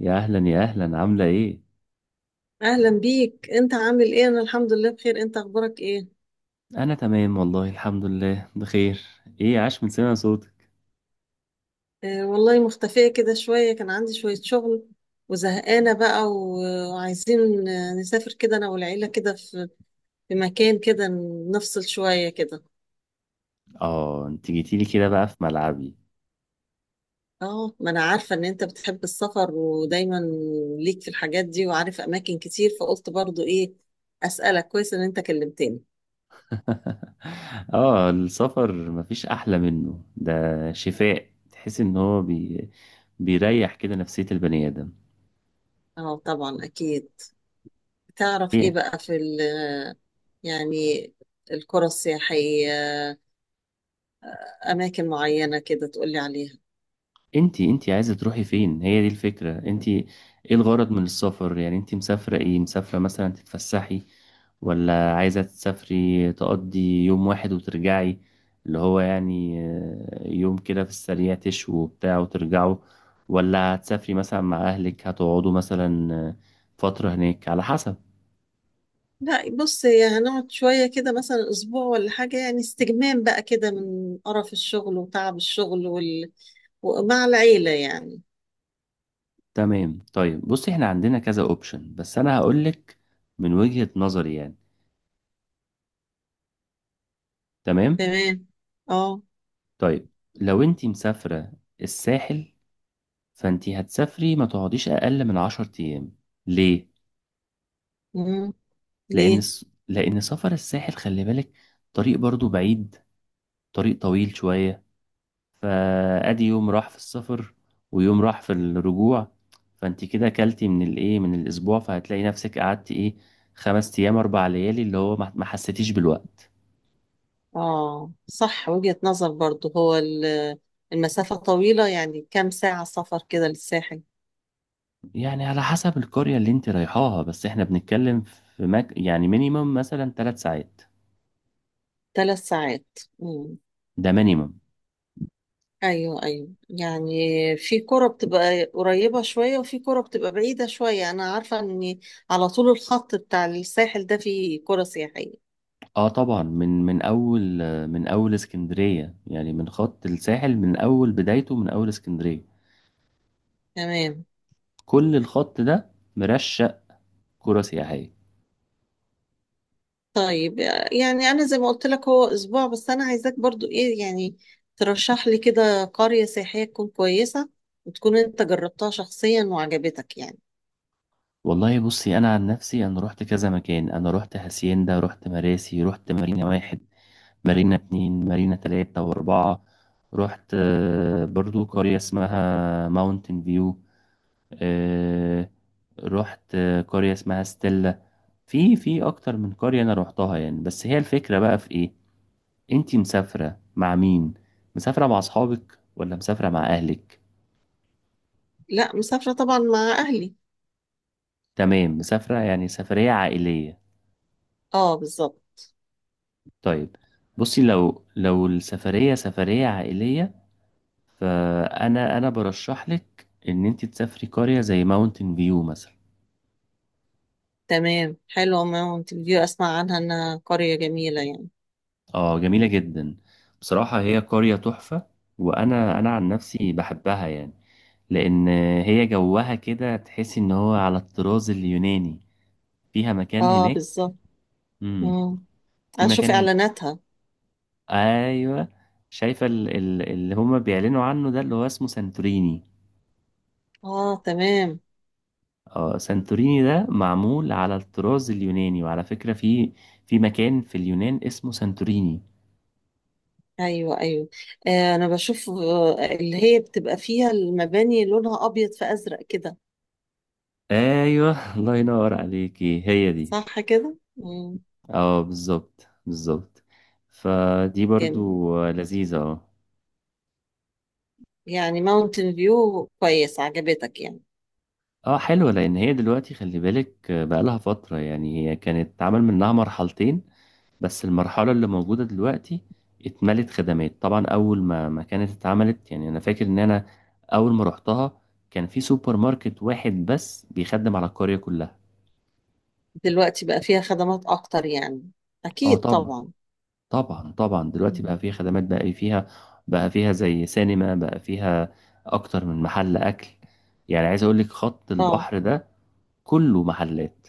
يا اهلا عامله ايه. اهلا بيك، انت عامل ايه؟ انا الحمد لله بخير. انت اخبارك ايه؟ انا تمام والله الحمد لله بخير. ايه عاش من سمع صوتك. آه والله، مختفية كده شوية، كان عندي شوية شغل وزهقانة بقى وعايزين نسافر كده انا والعيلة كده في في مكان كده، نفصل شوية كده. اه انت جيتيلي كده بقى في ملعبي. اه، ما انا عارفة ان انت بتحب السفر ودايما ليك في الحاجات دي وعارف اماكن كتير، فقلت برضو ايه اسألك. كويس ان انت كلمتني. اه السفر مفيش احلى منه ده. شفاء تحس ان هو بيريح كده نفسية البني ادم. اه طبعا اكيد. تعرف ايه إيه، بقى في ال يعني القرى السياحية، اماكن معينه كده تقولي عليها؟ انتي عايزة تروحي فين؟ هي دي الفكرة. انتي ايه الغرض من السفر؟ يعني انتي مسافرة ايه؟ مسافرة مثلا تتفسحي، ولا عايزة تسافري تقضي يوم واحد وترجعي؟ اللي هو يعني يوم كده في السريع تشوا وبتاع وترجعوا، ولا هتسافري مثلا مع أهلك هتقعدوا مثلا فترة هناك على حسب. لا بص، هي هنقعد شويه كده مثلا اسبوع ولا حاجه، يعني استجمام بقى كده من قرف الشغل وتعب الشغل ومع العيله يعني. تمام. طيب بصي احنا عندنا كذا اوبشن، بس انا هقولك من وجهة نظري يعني. تمام. تمام. اه. طيب لو انتي مسافرة الساحل، فانتي هتسافري ما تقعديش اقل من عشر ايام. ليه؟ مم. ليه؟ لان سفر الساحل، خلي بالك، طريق برضو بعيد، طريق طويل شوية. فادي يوم راح في السفر، ويوم راح في الرجوع. فانتي كده كلتي من الايه، من الاسبوع، فهتلاقي نفسك قعدتي ايه، خمس ايام اربع ليالي، اللي هو ما حسيتيش بالوقت. اه صح، وجهه نظر برضو. هو المسافه طويله، يعني كام ساعه سفر كده للساحل؟ يعني على حسب القرية اللي انت رايحاها، بس احنا بنتكلم في يعني مينيمم مثلا ثلاث ساعات. 3 ساعات؟ مم. ده مينيمم. ايوه ايوه، يعني في كرة بتبقى قريبة شوية وفي كرة بتبقى بعيدة شوية. انا عارفة ان على طول الخط بتاع الساحل ده فيه كرة سياحية. اه طبعا، من اول، من اول اسكندريه، يعني من خط الساحل، من اول بدايته، من اول اسكندريه، تمام. كل الخط ده مرشق قرى سياحيه. طيب يعني انا زي ما قلت لك هو اسبوع، بس انا عايزاك برضو ايه يعني، ترشح لي كده قرية سياحية تكون كويسة، وتكون انت جربتها شخصيا وعجبتك يعني. والله بصي، انا عن نفسي رحت كذا مكان. انا رحت هاسيندا، رحت مراسي، رحت مارينا واحد، مارينا اتنين، مارينا تلاتة واربعة. رحت برضو قرية اسمها ماونتن فيو، آه، رحت قرية اسمها ستيلا. في اكتر من قرية انا روحتها يعني. بس هي الفكرة بقى في ايه، انتي مسافرة مع مين؟ مسافرة مع اصحابك ولا مسافرة مع اهلك؟ لا، مسافرة طبعا مع اهلي. تمام، مسافرة يعني سفرية عائلية. اه بالظبط. طيب بصي، لو السفرية سفرية عائلية، فانا برشح لك ان انتي تسافري قرية زي ماونتن فيو مثلا. تمام، حلوة ماونتن فيو، اسمع عنها انها قرية جميلة يعني. اه جميلة جدا، بصراحة هي قرية تحفة. وانا عن نفسي بحبها يعني، لان هي جوها كده تحسي ان هو على الطراز اليوناني. فيها مكان اه هناك. بالظبط. امم مم. في اشوف مكان هناك. اعلاناتها. ايوه، شايفه اللي هما بيعلنوا عنه ده، اللي هو اسمه سانتوريني. اه تمام. اه سانتوريني ده معمول على الطراز اليوناني، وعلى فكره في في مكان في اليونان اسمه سانتوريني. ايوه ايوه. آه انا بشوف، اللي هي بتبقى فيها المباني لونها ابيض في ازرق كده. ايوه الله ينور عليكي، هي دي. صح كده، اه بالظبط، فدي جامد. برضو لذيذه اه. يعني ماونتن فيو كويس، عجبتك يعني. اه حلوه، لان هي دلوقتي خلي بالك بقى، لها فتره يعني، هي كانت اتعمل منها مرحلتين، بس المرحلة اللي موجودة دلوقتي اتملت خدمات. طبعا أول ما كانت اتعملت، يعني أنا فاكر إن أنا أول ما رحتها كان في سوبر ماركت واحد بس بيخدم على القرية كلها. دلوقتي بقى فيها خدمات اكتر يعني، اه اكيد طبعا. طبعا. طبعا دلوقتي مم. بقى فيها خدمات، بقى فيها زي سينما، بقى فيها أكتر من محل أكل. يعني عايز أقولك خط اه. البحر ده كله محلات.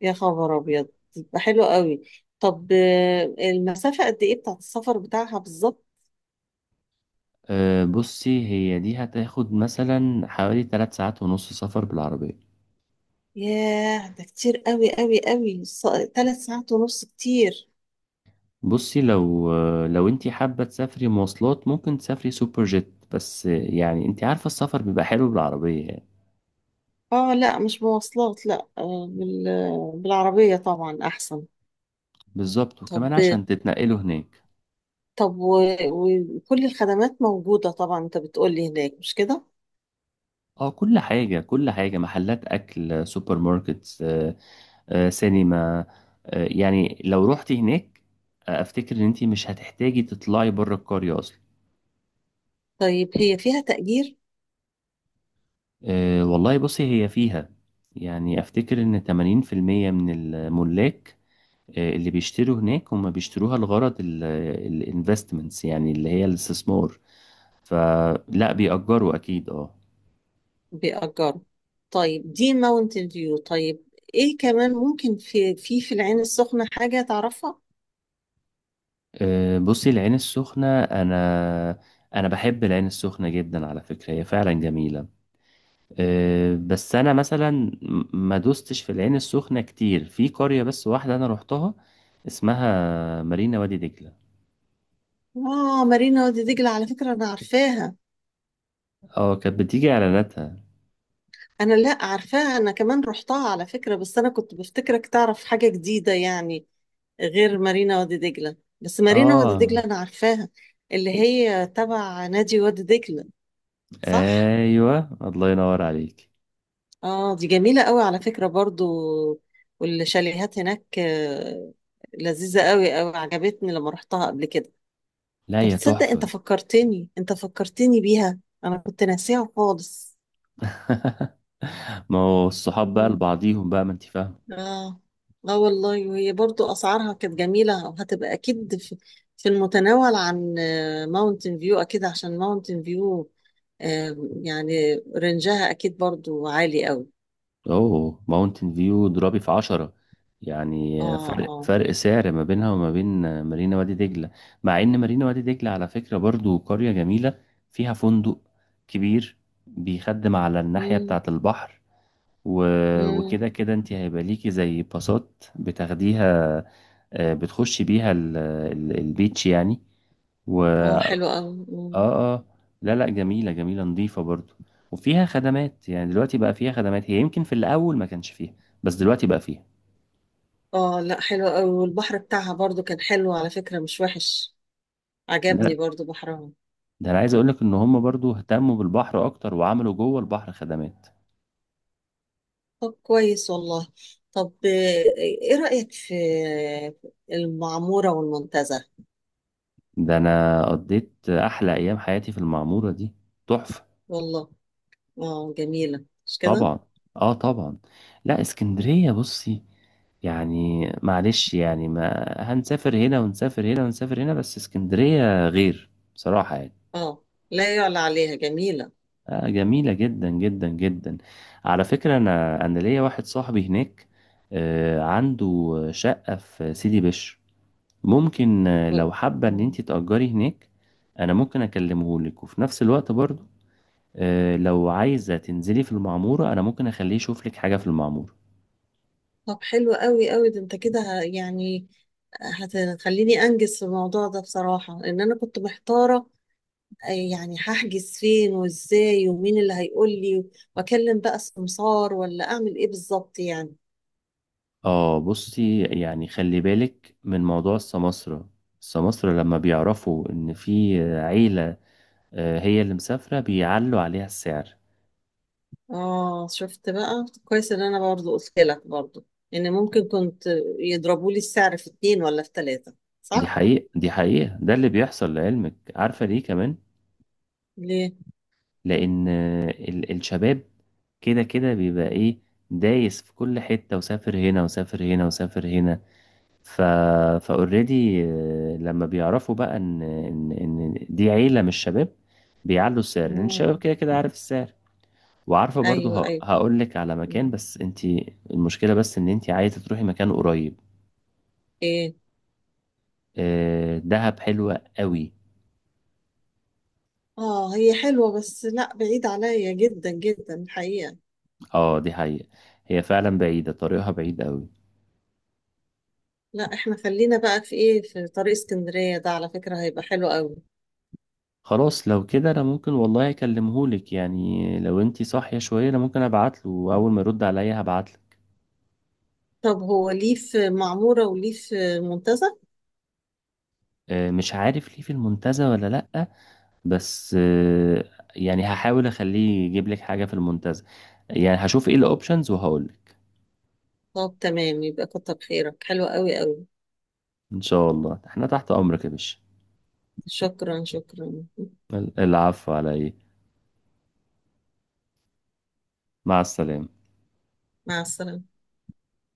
يا خبر ابيض، تبقى حلو قوي. طب المسافة قد ايه بتاعت السفر بتاعها بالظبط؟ أه بصي، هي دي هتاخد مثلا حوالي 3 ساعات ونص سفر بالعربية. ياه، ده كتير قوي قوي قوي، 3 ساعات ونص كتير. بصي، لو انت حابة تسافري مواصلات، ممكن تسافري سوبر جيت، بس يعني انت عارفة السفر بيبقى حلو بالعربية يعني. اه لا، مش بمواصلات، لا، بالعربية طبعا احسن. بالظبط، طب، وكمان عشان تتنقلوا هناك. طب و- وكل الخدمات موجودة طبعا، انت بتقولي هناك، مش كده؟ اه كل حاجة، كل حاجة، محلات أكل، سوبر ماركتس، سينما، يعني لو روحتي هناك، أفتكر إن أنت مش هتحتاجي تطلعي بره القرية أصلا. طيب هي فيها تأجير؟ والله بصي هي فيها، يعني أفتكر إن 80% من الملاك، اللي بيشتروا هناك هم بيشتروها لغرض الانفستمنتس، يعني اللي هي الاستثمار. فلا بيأجروا أكيد اه. بيأجروا. طيب دي ماونتن فيو. طيب ايه كمان ممكن في في العين السخنة حاجة تعرفها؟ بصي العين السخنة، أنا بحب العين السخنة جدا على فكرة، هي فعلا جميلة. بس أنا مثلا ما دوستش في العين السخنة كتير، في قرية بس واحدة أنا روحتها اسمها مارينا وادي دجلة. اه، مارينا وادي دجلة، على فكرة انا عارفاها. اه كانت بتيجي إعلاناتها. انا لا عارفاها، انا كمان رحتها على فكرة، بس انا كنت بفتكرك تعرف حاجة جديدة يعني، غير مارينا وادي دجلة. بس مارينا وادي اه دجلة انا عارفاها، اللي هي تبع نادي وادي دجلة، صح؟ أيوه الله ينور عليك. اه، دي جميلة قوي على فكرة برضو، والشاليهات هناك لذيذة قوي قوي، عجبتني لما رحتها قبل كده. لا طب هي تصدق انت تحفة. فكرتني، بيها، انا كنت ناسيها خالص. ما هو الصحاب بقى لبعضيهم بقى، ما انت فاهم. اه. اه والله، وهي برضو اسعارها كانت جميله، وهتبقى اكيد في المتناول عن ماونتن فيو، اكيد عشان ماونتن فيو يعني رنجها اكيد برضو عالي قوي. اوه ماونتن فيو ضربي في عشرة، اه يعني فرق اه. فرق سعر ما بينها وما بين مارينا وادي دجلة. مع ان مارينا وادي دجلة على فكرة برضو قرية جميلة، فيها فندق كبير بيخدم على الناحية امم بتاعة البحر. امم. وكده كده انت هيبقى ليكي زي باصات بتاخديها، بتخشي بيها البيتش يعني، اه و- حلو قوي. اه اه. لا لا جميلة، جميلة نظيفة برضو، وفيها خدمات. يعني دلوقتي بقى فيها خدمات، هي يمكن في الأول ما كانش فيها، بس دلوقتي بقى فيها. اه لا، حلو قوي، والبحر بتاعها برضو كان حلو على فكره، مش وحش، لا عجبني برضو بحرها. ده أنا عايز أقولك إن هم برضو اهتموا بالبحر أكتر، وعملوا جوه البحر خدمات. طب كويس والله. طب ايه رايك في المعموره والمنتزه؟ ده أنا قضيت أحلى أيام حياتي في المعمورة دي، تحفة. والله. اه جميلة مش كده؟ طبعا. اه طبعا. لا اسكندرية بصي، يعني معلش يعني، ما هنسافر هنا ونسافر هنا ونسافر هنا، بس اسكندرية غير بصراحة يعني. اه لا يعلى عليها، جميلة. جميلة جدا جدا جدا. على فكرة أنا، ليا واحد صاحبي هناك، عنده شقة في سيدي بشر. ممكن وال- لو حابة إن مم. أنت تأجري هناك، أنا ممكن أكلمه لك. وفي نفس الوقت برضو لو عايزة تنزلي في المعمورة، أنا ممكن أخليه يشوف لك حاجة في المعمورة. طب حلو قوي قوي، ده انت كده يعني هتخليني انجز في الموضوع ده بصراحة، لان انا كنت محتارة، يعني هحجز فين وازاي ومين اللي هيقول لي، واكلم بقى سمسار ولا اعمل ايه بالظبط يعني. آه بصي، يعني خلي بالك من موضوع السماسرة. السماسرة لما بيعرفوا إن في عيلة هي اللي مسافرة، بيعلوا عليها السعر. اه شفت بقى، كويس ان انا برضو قلت لك برضو ان ممكن كنت يضربوا لي السعر في 2 ولا في 3، دي صح؟ حقيقة، دي حقيقة، ده اللي بيحصل. لعلمك، عارفة ليه كمان؟ ليه؟ لأن الشباب كده كده بيبقى إيه، دايس في كل حتة، وسافر هنا وسافر هنا وسافر هنا. ف فاوريدي لما بيعرفوا بقى إن دي عيلة من الشباب، بيعلوا السعر، لأن الشباب مم. كده كده عارف السعر وعارفة برضو. ايوه ايوه. هقول لك على مكان، مم. بس انت، المشكلة بس ان انت عايزة تروحي مكان قريب. ايه. دهب حلوة قوي. اه هي حلوة، بس لا بعيد عليا جدا جدا الحقيقة. اه دي حقيقة، هي فعلا بعيدة طريقها بعيد قوي. لا احنا خلينا بقى في ايه، في طريق اسكندرية ده على فكرة، هيبقى حلو قوي. خلاص لو كده انا ممكن والله اكلمهولك، يعني لو انتي صاحية شوية انا ممكن ابعتله، واول ما يرد عليا هبعتله. طب هو ليه في معمورة وليه في منتزه؟ مش عارف ليه في المنتزه ولا لأ، بس يعني هحاول اخليه يجيب لك حاجة في المنتزه. يعني هشوف ايه الاوبشنز وهقولك. طب تمام، يبقى كتر خيرك، حلو قوي قوي. ان شاء الله احنا تحت امرك يا باشا. شكرا شكرا. العفو على ايه. مع السلامة. مع السلامة.